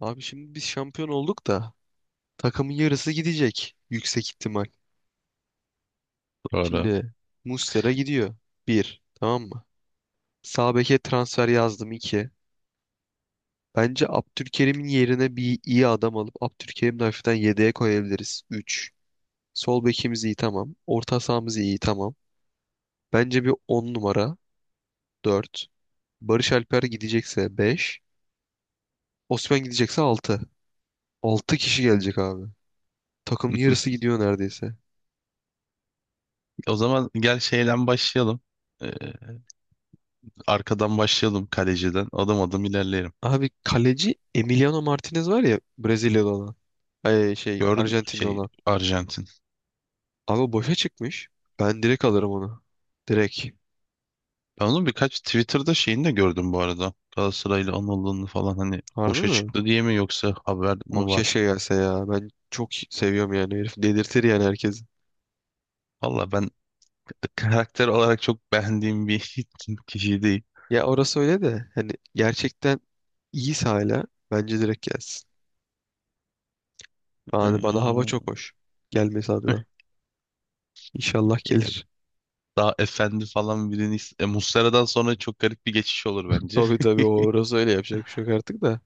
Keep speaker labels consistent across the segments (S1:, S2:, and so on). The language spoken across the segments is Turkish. S1: Abi, şimdi biz şampiyon olduk da takımın yarısı gidecek yüksek ihtimal.
S2: Doğru.
S1: Şimdi Muslera gidiyor. Bir. Tamam mı? Sağ beke transfer yazdım. İki. Bence Abdülkerim'in yerine bir iyi adam alıp Abdülkerim'i de hafiften yedeğe koyabiliriz. Üç. Sol bekimiz iyi, tamam. Orta sahamız iyi, tamam. Bence bir 10 numara. Dört. Barış Alper gidecekse, 5. Osman gidecekse, 6. 6 kişi gelecek abi. Takımın yarısı gidiyor neredeyse.
S2: O zaman gel şeyden başlayalım. Ee, Arkadan başlayalım kaleciden. Adım adım ilerleyelim.
S1: Abi, kaleci Emiliano Martinez var ya, Brezilyalı olan. Ay,
S2: Gördün
S1: Arjantinli
S2: şey,
S1: olan.
S2: Arjantin.
S1: Abi, o boşa çıkmış. Ben direkt alırım onu. Direkt.
S2: Ben onun birkaç Twitter'da şeyini de gördüm bu arada. Galatasaray'la anıldığını falan, hani
S1: Harbi
S2: boşa
S1: mi?
S2: çıktı diye mi yoksa haber
S1: Abi,
S2: mi var?
S1: keşke gelse ya. Ben çok seviyorum yani herif. Delirtir yani herkesi.
S2: Valla ben karakter olarak çok beğendiğim bir kişi değil.
S1: Ya orası öyle de hani gerçekten iyiyse hala bence direkt gelsin. Yani bana hava çok hoş. Gelmesi
S2: Ee,
S1: adına. İnşallah gelir.
S2: daha efendi falan birini... Muslera'dan sonra çok garip bir geçiş olur bence.
S1: Tabii tabii, o orası öyle, yapacak bir şey yok artık da.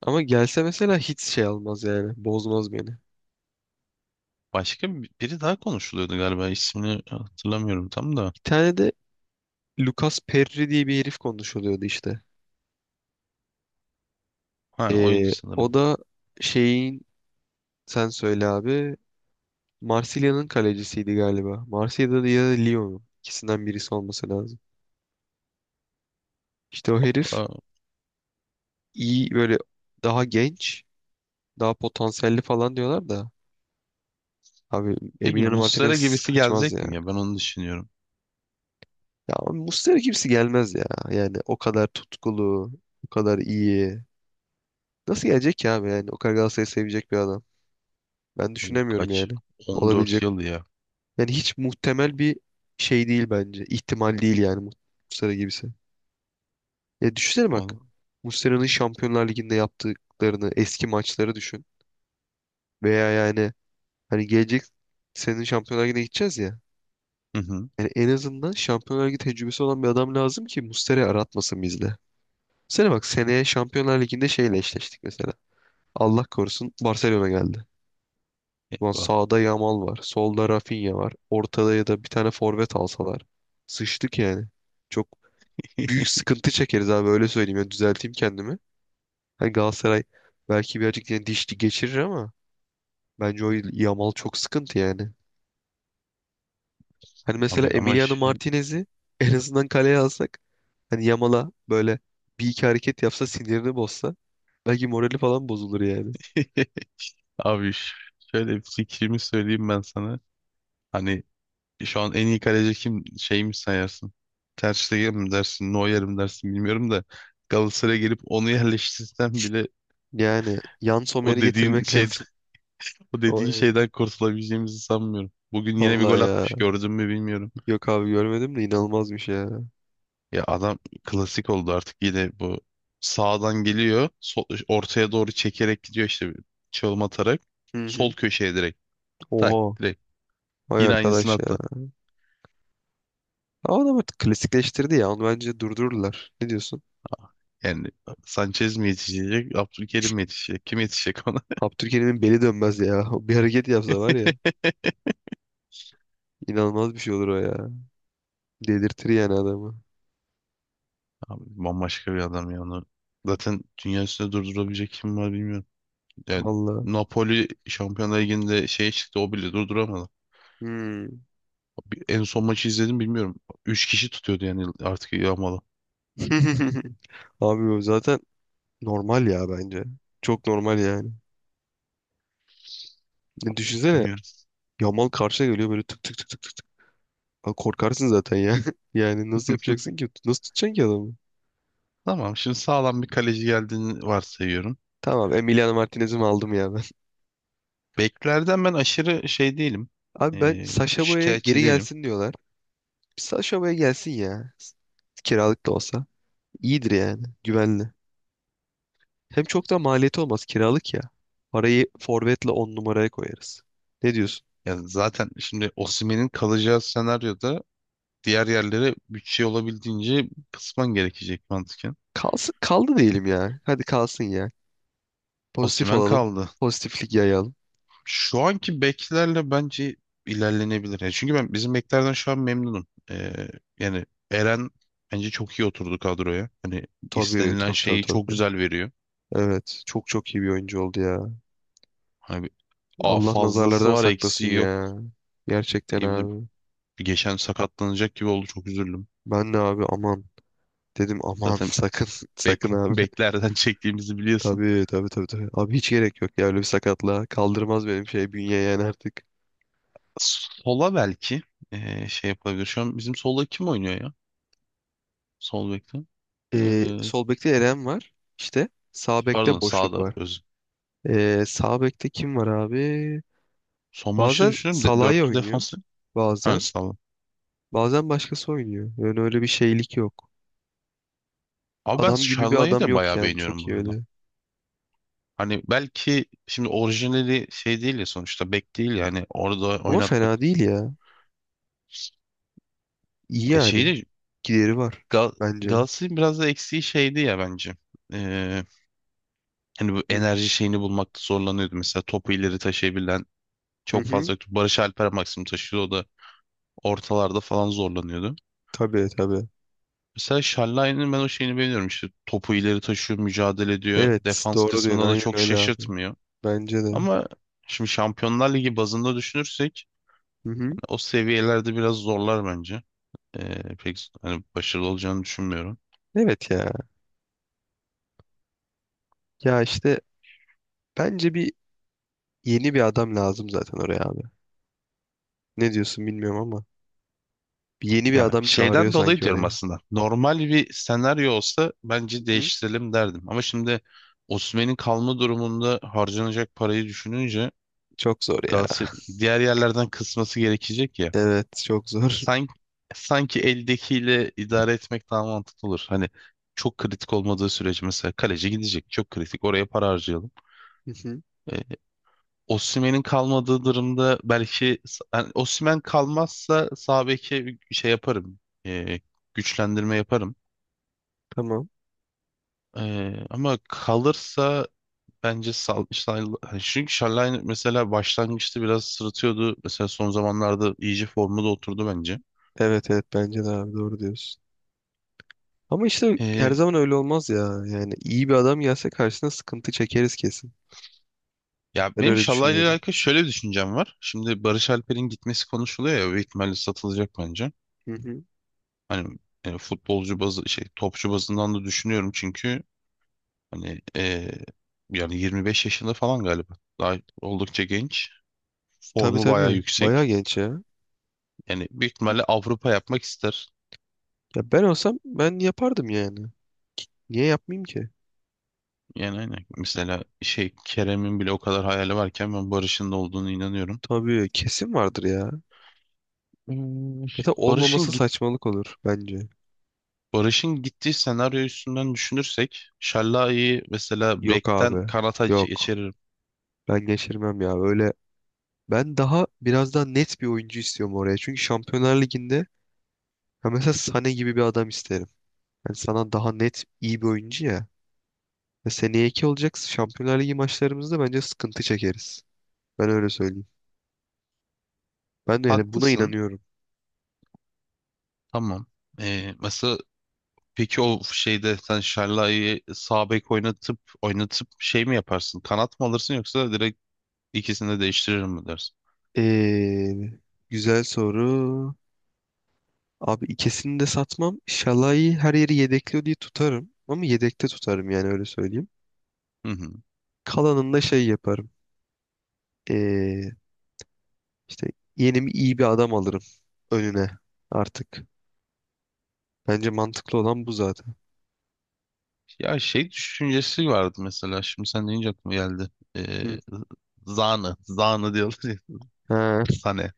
S1: Ama gelse mesela hiç şey almaz yani. Bozmaz beni.
S2: Biri daha konuşuluyordu galiba, ismini hatırlamıyorum tam da.
S1: Bir tane de Lucas Perri diye bir herif konuşuluyordu işte.
S2: Ha, oydu
S1: O
S2: sanırım.
S1: da şeyin, sen söyle abi, Marsilya'nın kalecisiydi galiba. Marsilya'da da ya da Lyon'un, ikisinden birisi olması lazım. İşte o herif
S2: Aa,
S1: iyi böyle, daha genç, daha potansiyelli falan diyorlar da abi,
S2: peki
S1: Emiliano
S2: Muslera
S1: Martinez
S2: gibisi
S1: kaçmaz
S2: gelecek
S1: ya.
S2: mi ya? Ben onu düşünüyorum.
S1: Ya Muslera kimse gelmez ya. Yani o kadar tutkulu, o kadar iyi. Nasıl gelecek ki abi, yani o kadar Galatasaray'ı sevecek bir adam. Ben
S2: Abi
S1: düşünemiyorum
S2: kaç?
S1: yani.
S2: 14
S1: Olabilecek,
S2: yıl ya.
S1: yani hiç muhtemel bir şey değil bence. İhtimal değil yani, Muslera gibisi. Ya düşünsene bak.
S2: Vallahi.
S1: Muslera'nın Şampiyonlar Ligi'nde yaptıklarını, eski maçları düşün. Veya yani hani gelecek, senin Şampiyonlar Ligi'ne gideceğiz ya.
S2: Hı hı.
S1: Yani en azından Şampiyonlar Ligi tecrübesi olan bir adam lazım ki Muslera'yı aratmasın bizde. Sene bak, seneye Şampiyonlar Ligi'nde şeyle eşleştik mesela. Allah korusun, Barcelona geldi. Ulan
S2: Eyvah.
S1: sağda Yamal var, solda Rafinha var. Ortada ya da bir tane forvet alsalar. Sıçtık yani. Çok büyük sıkıntı çekeriz abi, öyle söyleyeyim. Yani düzelteyim kendimi. Hani Galatasaray belki birazcık yani diş geçirir ama bence o Yamal çok sıkıntı yani. Hani mesela
S2: Abi ama
S1: Emiliano
S2: ş-
S1: Martinez'i en azından kaleye alsak, hani Yamal'a böyle bir iki hareket yapsa, sinirini bozsa, belki morali falan bozulur yani.
S2: abi ş- Şöyle bir fikrimi söyleyeyim ben sana. Hani şu an en iyi kaleci kim, şey mi sayarsın? Ter Stegen mi dersin, Neuer mi dersin bilmiyorum da, Galatasaray'a gelip onu yerleştirsem bile
S1: Yani Yan
S2: o
S1: Sommer'i
S2: dediğin
S1: getirmek
S2: şeyden
S1: lazım.
S2: o
S1: O
S2: dediğin
S1: yani.
S2: şeyden kurtulabileceğimizi sanmıyorum. Bugün yine bir
S1: Vallahi
S2: gol
S1: ya.
S2: atmış, gördün mü bilmiyorum.
S1: Yok abi, görmedim de inanılmazmış ya.
S2: Ya adam klasik oldu artık. Yine bu, sağdan geliyor sol, ortaya doğru çekerek gidiyor, işte bir çalım atarak
S1: Hı
S2: sol
S1: hı.
S2: köşeye direkt, tak
S1: Oha.
S2: direkt,
S1: Vay
S2: yine aynısını
S1: arkadaş ya.
S2: attı.
S1: Ama adam artık klasikleştirdi ya. Onu bence durdururlar. Ne diyorsun?
S2: Yani Sanchez mi yetişecek, Abdülkerim mi yetişecek, kim yetişecek ona?
S1: Abdülkerim'in beli dönmez ya. O bir hareket yapsa var ya. İnanılmaz bir şey olur o ya. Delirtir yani adamı.
S2: Abi bambaşka bir adam ya onu, zaten dünya üstünde durdurabilecek kim var bilmiyorum. Yani
S1: Vallahi.
S2: Napoli Şampiyonlar Ligi'nde şeye çıktı, o bile durduramadı.
S1: Hmm.
S2: En son maçı izledim bilmiyorum. Üç kişi tutuyordu yani artık, yağmalı.
S1: Abi, o zaten normal ya bence. Çok normal yani. Ne düşünsene.
S2: Bilmiyorum.
S1: Yamal karşına geliyor böyle, tık tık tık tık tık. Abi, korkarsın zaten ya. Yani nasıl yapacaksın ki? Nasıl tutacaksın ki adamı?
S2: Tamam. Şimdi sağlam bir kaleci geldiğini varsayıyorum.
S1: Tamam, Emiliano Martinez'i mi aldım ya ben.
S2: Beklerden ben aşırı şey değilim.
S1: Abi, ben
S2: Ee,
S1: Sacha Boey'e
S2: şikayetçi
S1: geri
S2: değilim.
S1: gelsin diyorlar. Sacha Boey gelsin ya. Kiralık da olsa. İyidir yani. Güvenli. Hem çok da maliyeti olmaz kiralık ya. Parayı forvetle 10 numaraya koyarız. Ne diyorsun?
S2: Ya zaten şimdi Osimhen'in kalacağı senaryoda diğer yerlere bütçe olabildiğince kısman gerekecek mantıken.
S1: Kalsın, kaldı diyelim ya. Hadi kalsın ya. Pozitif
S2: Osimhen
S1: olalım.
S2: kaldı.
S1: Pozitiflik yayalım.
S2: Şu anki beklerle bence ilerlenebilir. Yani çünkü ben bizim beklerden şu an memnunum. Yani Eren bence çok iyi oturdu kadroya. Hani
S1: Tabii
S2: istenilen
S1: tabii tabii
S2: şeyi
S1: tabii.
S2: çok
S1: Tabii.
S2: güzel veriyor.
S1: Evet, çok çok iyi bir oyuncu oldu ya.
S2: Hani bir- a,
S1: Allah
S2: fazlası
S1: nazarlardan
S2: var
S1: saklasın
S2: eksiği yok
S1: ya. Gerçekten
S2: diyebilirim.
S1: abi.
S2: Bir geçen sakatlanacak gibi oldu, çok üzüldüm.
S1: Ben de abi, aman. Dedim aman,
S2: Zaten
S1: sakın, sakın abi.
S2: beklerden çektiğimizi biliyorsun.
S1: Tabii tabii tabii tabii. Abi, hiç gerek yok ya öyle bir sakatlığa. Kaldırmaz benim şey bünye yani artık.
S2: Sola belki e, şey yapabilir. Şu an bizim solda kim oynuyor ya? Sol bekte. E,
S1: Sol bekte Eren var. İşte sağ
S2: pardon,
S1: bekte boşluk
S2: sağda
S1: var.
S2: öz.
S1: Sağ bekte kim var abi?
S2: Son maçta
S1: Bazen
S2: düşünüyorum de,
S1: Salah'ı
S2: dörtlü
S1: oynuyor.
S2: defansı. Ha,
S1: Bazen.
S2: sağda.
S1: Bazen başkası oynuyor. Yani öyle bir şeylik yok.
S2: Abi ben
S1: Adam gibi bir
S2: Şallay'ı
S1: adam
S2: da
S1: yok
S2: bayağı
S1: yani,
S2: beğeniyorum
S1: çok
S2: bu
S1: iyi
S2: arada.
S1: öyle.
S2: Hani belki şimdi orijinali şey değil ya, sonuçta bek değil yani orada
S1: Ama
S2: oynatmak.
S1: fena değil ya. İyi
S2: E şeyi
S1: yani.
S2: de
S1: Gideri var
S2: Gal
S1: bence.
S2: Galatasaray'ın biraz da eksiği şeydi ya bence. Ee, hani bu
S1: Hı
S2: enerji şeyini bulmakta zorlanıyordu. Mesela topu ileri taşıyabilen
S1: hı.
S2: çok
S1: Hı.
S2: fazla yoktu. Barış Alper maksimum taşıyordu. O da ortalarda falan zorlanıyordu.
S1: Tabii tabii.
S2: Mesela Şallay'ın ben o şeyini beğeniyorum. İşte topu ileri taşıyor, mücadele ediyor.
S1: Evet
S2: Defans
S1: doğru diyorsun,
S2: kısmına da
S1: aynen
S2: çok
S1: öyle abi.
S2: şaşırtmıyor.
S1: Bence de.
S2: Ama şimdi Şampiyonlar Ligi bazında düşünürsek
S1: Hı hı.
S2: hani o seviyelerde biraz zorlar bence. Pek hani başarılı olacağını düşünmüyorum.
S1: Evet ya. Ya işte bence bir yeni bir adam lazım zaten oraya abi. Ne diyorsun bilmiyorum ama. Bir yeni bir
S2: Ya
S1: adam çağırıyor
S2: şeyden dolayı
S1: sanki
S2: diyorum
S1: oraya.
S2: aslında. Normal bir senaryo olsa bence
S1: Hı hı.
S2: değiştirelim derdim. Ama şimdi Osimhen'in kalma durumunda harcanacak parayı düşününce
S1: Çok zor ya.
S2: Galatasaray diğer yerlerden kısması gerekecek ya.
S1: Evet, çok zor.
S2: Sanki, sanki eldekiyle idare etmek daha mantıklı olur. Hani çok kritik olmadığı sürece, mesela kaleci gidecek. Çok kritik. Oraya para harcayalım.
S1: Hı hı.
S2: E, Osimhen'in kalmadığı durumda belki, yani Osimhen kalmazsa sağ beke şey yaparım. E, güçlendirme yaparım.
S1: Tamam.
S2: Ama kalırsa bence hani çünkü Şallayn mesela başlangıçta biraz sırıtıyordu. Mesela son zamanlarda iyice formda oturdu bence.
S1: Evet evet, bence de abi, doğru diyorsun. Ama işte her
S2: Ee,
S1: zaman öyle olmaz ya. Yani iyi bir adam gelse karşısına sıkıntı çekeriz kesin.
S2: ya
S1: Ben
S2: benim
S1: öyle
S2: Şallay'la ile
S1: düşünüyorum.
S2: alakalı şöyle bir düşüncem var. Şimdi Barış Alper'in gitmesi konuşuluyor ya, büyük ihtimalle satılacak bence.
S1: Hı hı.
S2: Hani e, futbolcu bazı şey, topçu bazından da düşünüyorum çünkü hani e, yani 25 yaşında falan galiba. Daha oldukça genç.
S1: Tabii
S2: Formu bayağı
S1: tabii. Bayağı
S2: yüksek.
S1: genç ya.
S2: Yani büyük ihtimalle Avrupa yapmak ister.
S1: Ya ben olsam ben yapardım yani. Niye yapmayayım ki?
S2: Yani aynen. Mesela şey Kerem'in bile o kadar hayali varken ben Barış'ın da olduğunu inanıyorum.
S1: Tabii kesin vardır ya.
S2: Hmm,
S1: Zaten olmaması
S2: Barış'ın git
S1: saçmalık olur bence.
S2: Barış'ın gittiği senaryo üstünden düşünürsek Şallai'yi mesela
S1: Yok
S2: bekten
S1: abi.
S2: kanata
S1: Yok.
S2: geçiririm.
S1: Ben geçirmem ya. Öyle, ben daha biraz daha net bir oyuncu istiyorum oraya. Çünkü Şampiyonlar Ligi'nde, ya mesela Sané gibi bir adam isterim. Yani sana daha net iyi bir oyuncu ya. Ya seneye iki olacak Şampiyonlar Ligi maçlarımızda bence sıkıntı çekeriz. Ben öyle söyleyeyim. Ben de yani buna
S2: Haklısın.
S1: inanıyorum.
S2: Tamam. Mesela peki o şeyde sen Şallai'yi sağ bek oynatıp şey mi yaparsın? Kanat mı alırsın yoksa direkt ikisini de değiştirir mi dersin?
S1: Ee, Güzel soru. Abi, ikisini de satmam. Şalay'ı her yeri yedekliyor diye tutarım. Ama yedekte tutarım yani, öyle söyleyeyim.
S2: Hı hı.
S1: Kalanını da şey yaparım. Ee, işte yeni bir iyi bir adam alırım önüne artık. Bence mantıklı olan bu zaten.
S2: Ya şey düşüncesi vardı mesela. Şimdi sen deyince aklıma geldi. Ee,
S1: Hı.
S2: Zanı. Zanı diyorlar ya.
S1: Ha.
S2: Sane.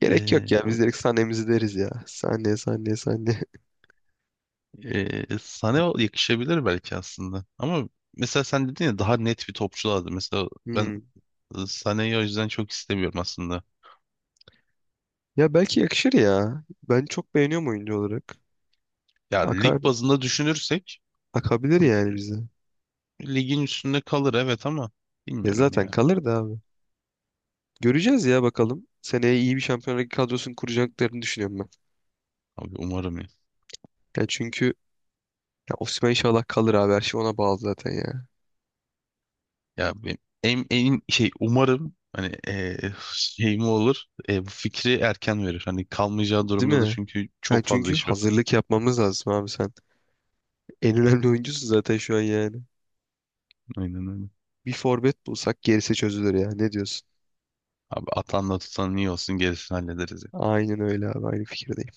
S1: Gerek yok
S2: Ee,
S1: ya. Biz
S2: ama-
S1: direkt sahnemizi deriz ya. Sahne sahne sahne.
S2: Sane o- yakışabilir belki aslında. Ama mesela sen dedin ya, daha net bir topçu lazım. Mesela ben
S1: Hmm.
S2: e, Sane'yi o yüzden çok istemiyorum aslında.
S1: Ya belki yakışır ya. Ben çok beğeniyorum oyuncu olarak.
S2: Ya
S1: Akar,
S2: lig bazında düşünürsek
S1: akabilir yani bize.
S2: ligin üstünde kalır evet, ama
S1: Ya
S2: bilmiyorum
S1: zaten
S2: ya.
S1: kalır da abi. Göreceğiz ya bakalım. Seneye iyi bir Şampiyonlar Ligi kadrosunu kuracaklarını düşünüyorum ben.
S2: Abi umarım ya.
S1: Ya çünkü, ya Osimhen inşallah kalır abi. Her şey ona bağlı zaten ya.
S2: Ya ben en şey umarım hani e, şey mi olur, e, bu fikri erken verir. Hani kalmayacağı
S1: Değil
S2: durumda da
S1: mi?
S2: çünkü
S1: Ha,
S2: çok fazla
S1: çünkü
S2: iş var.
S1: hazırlık yapmamız lazım abi sen. En önemli oyuncusun zaten şu an yani.
S2: Aynen öyle.
S1: Bir forvet bulsak gerisi çözülür ya. Ne diyorsun?
S2: Abi atanla tutan iyi olsun, gerisini hallederiz.
S1: Aynen öyle abi. Aynı fikirdeyim.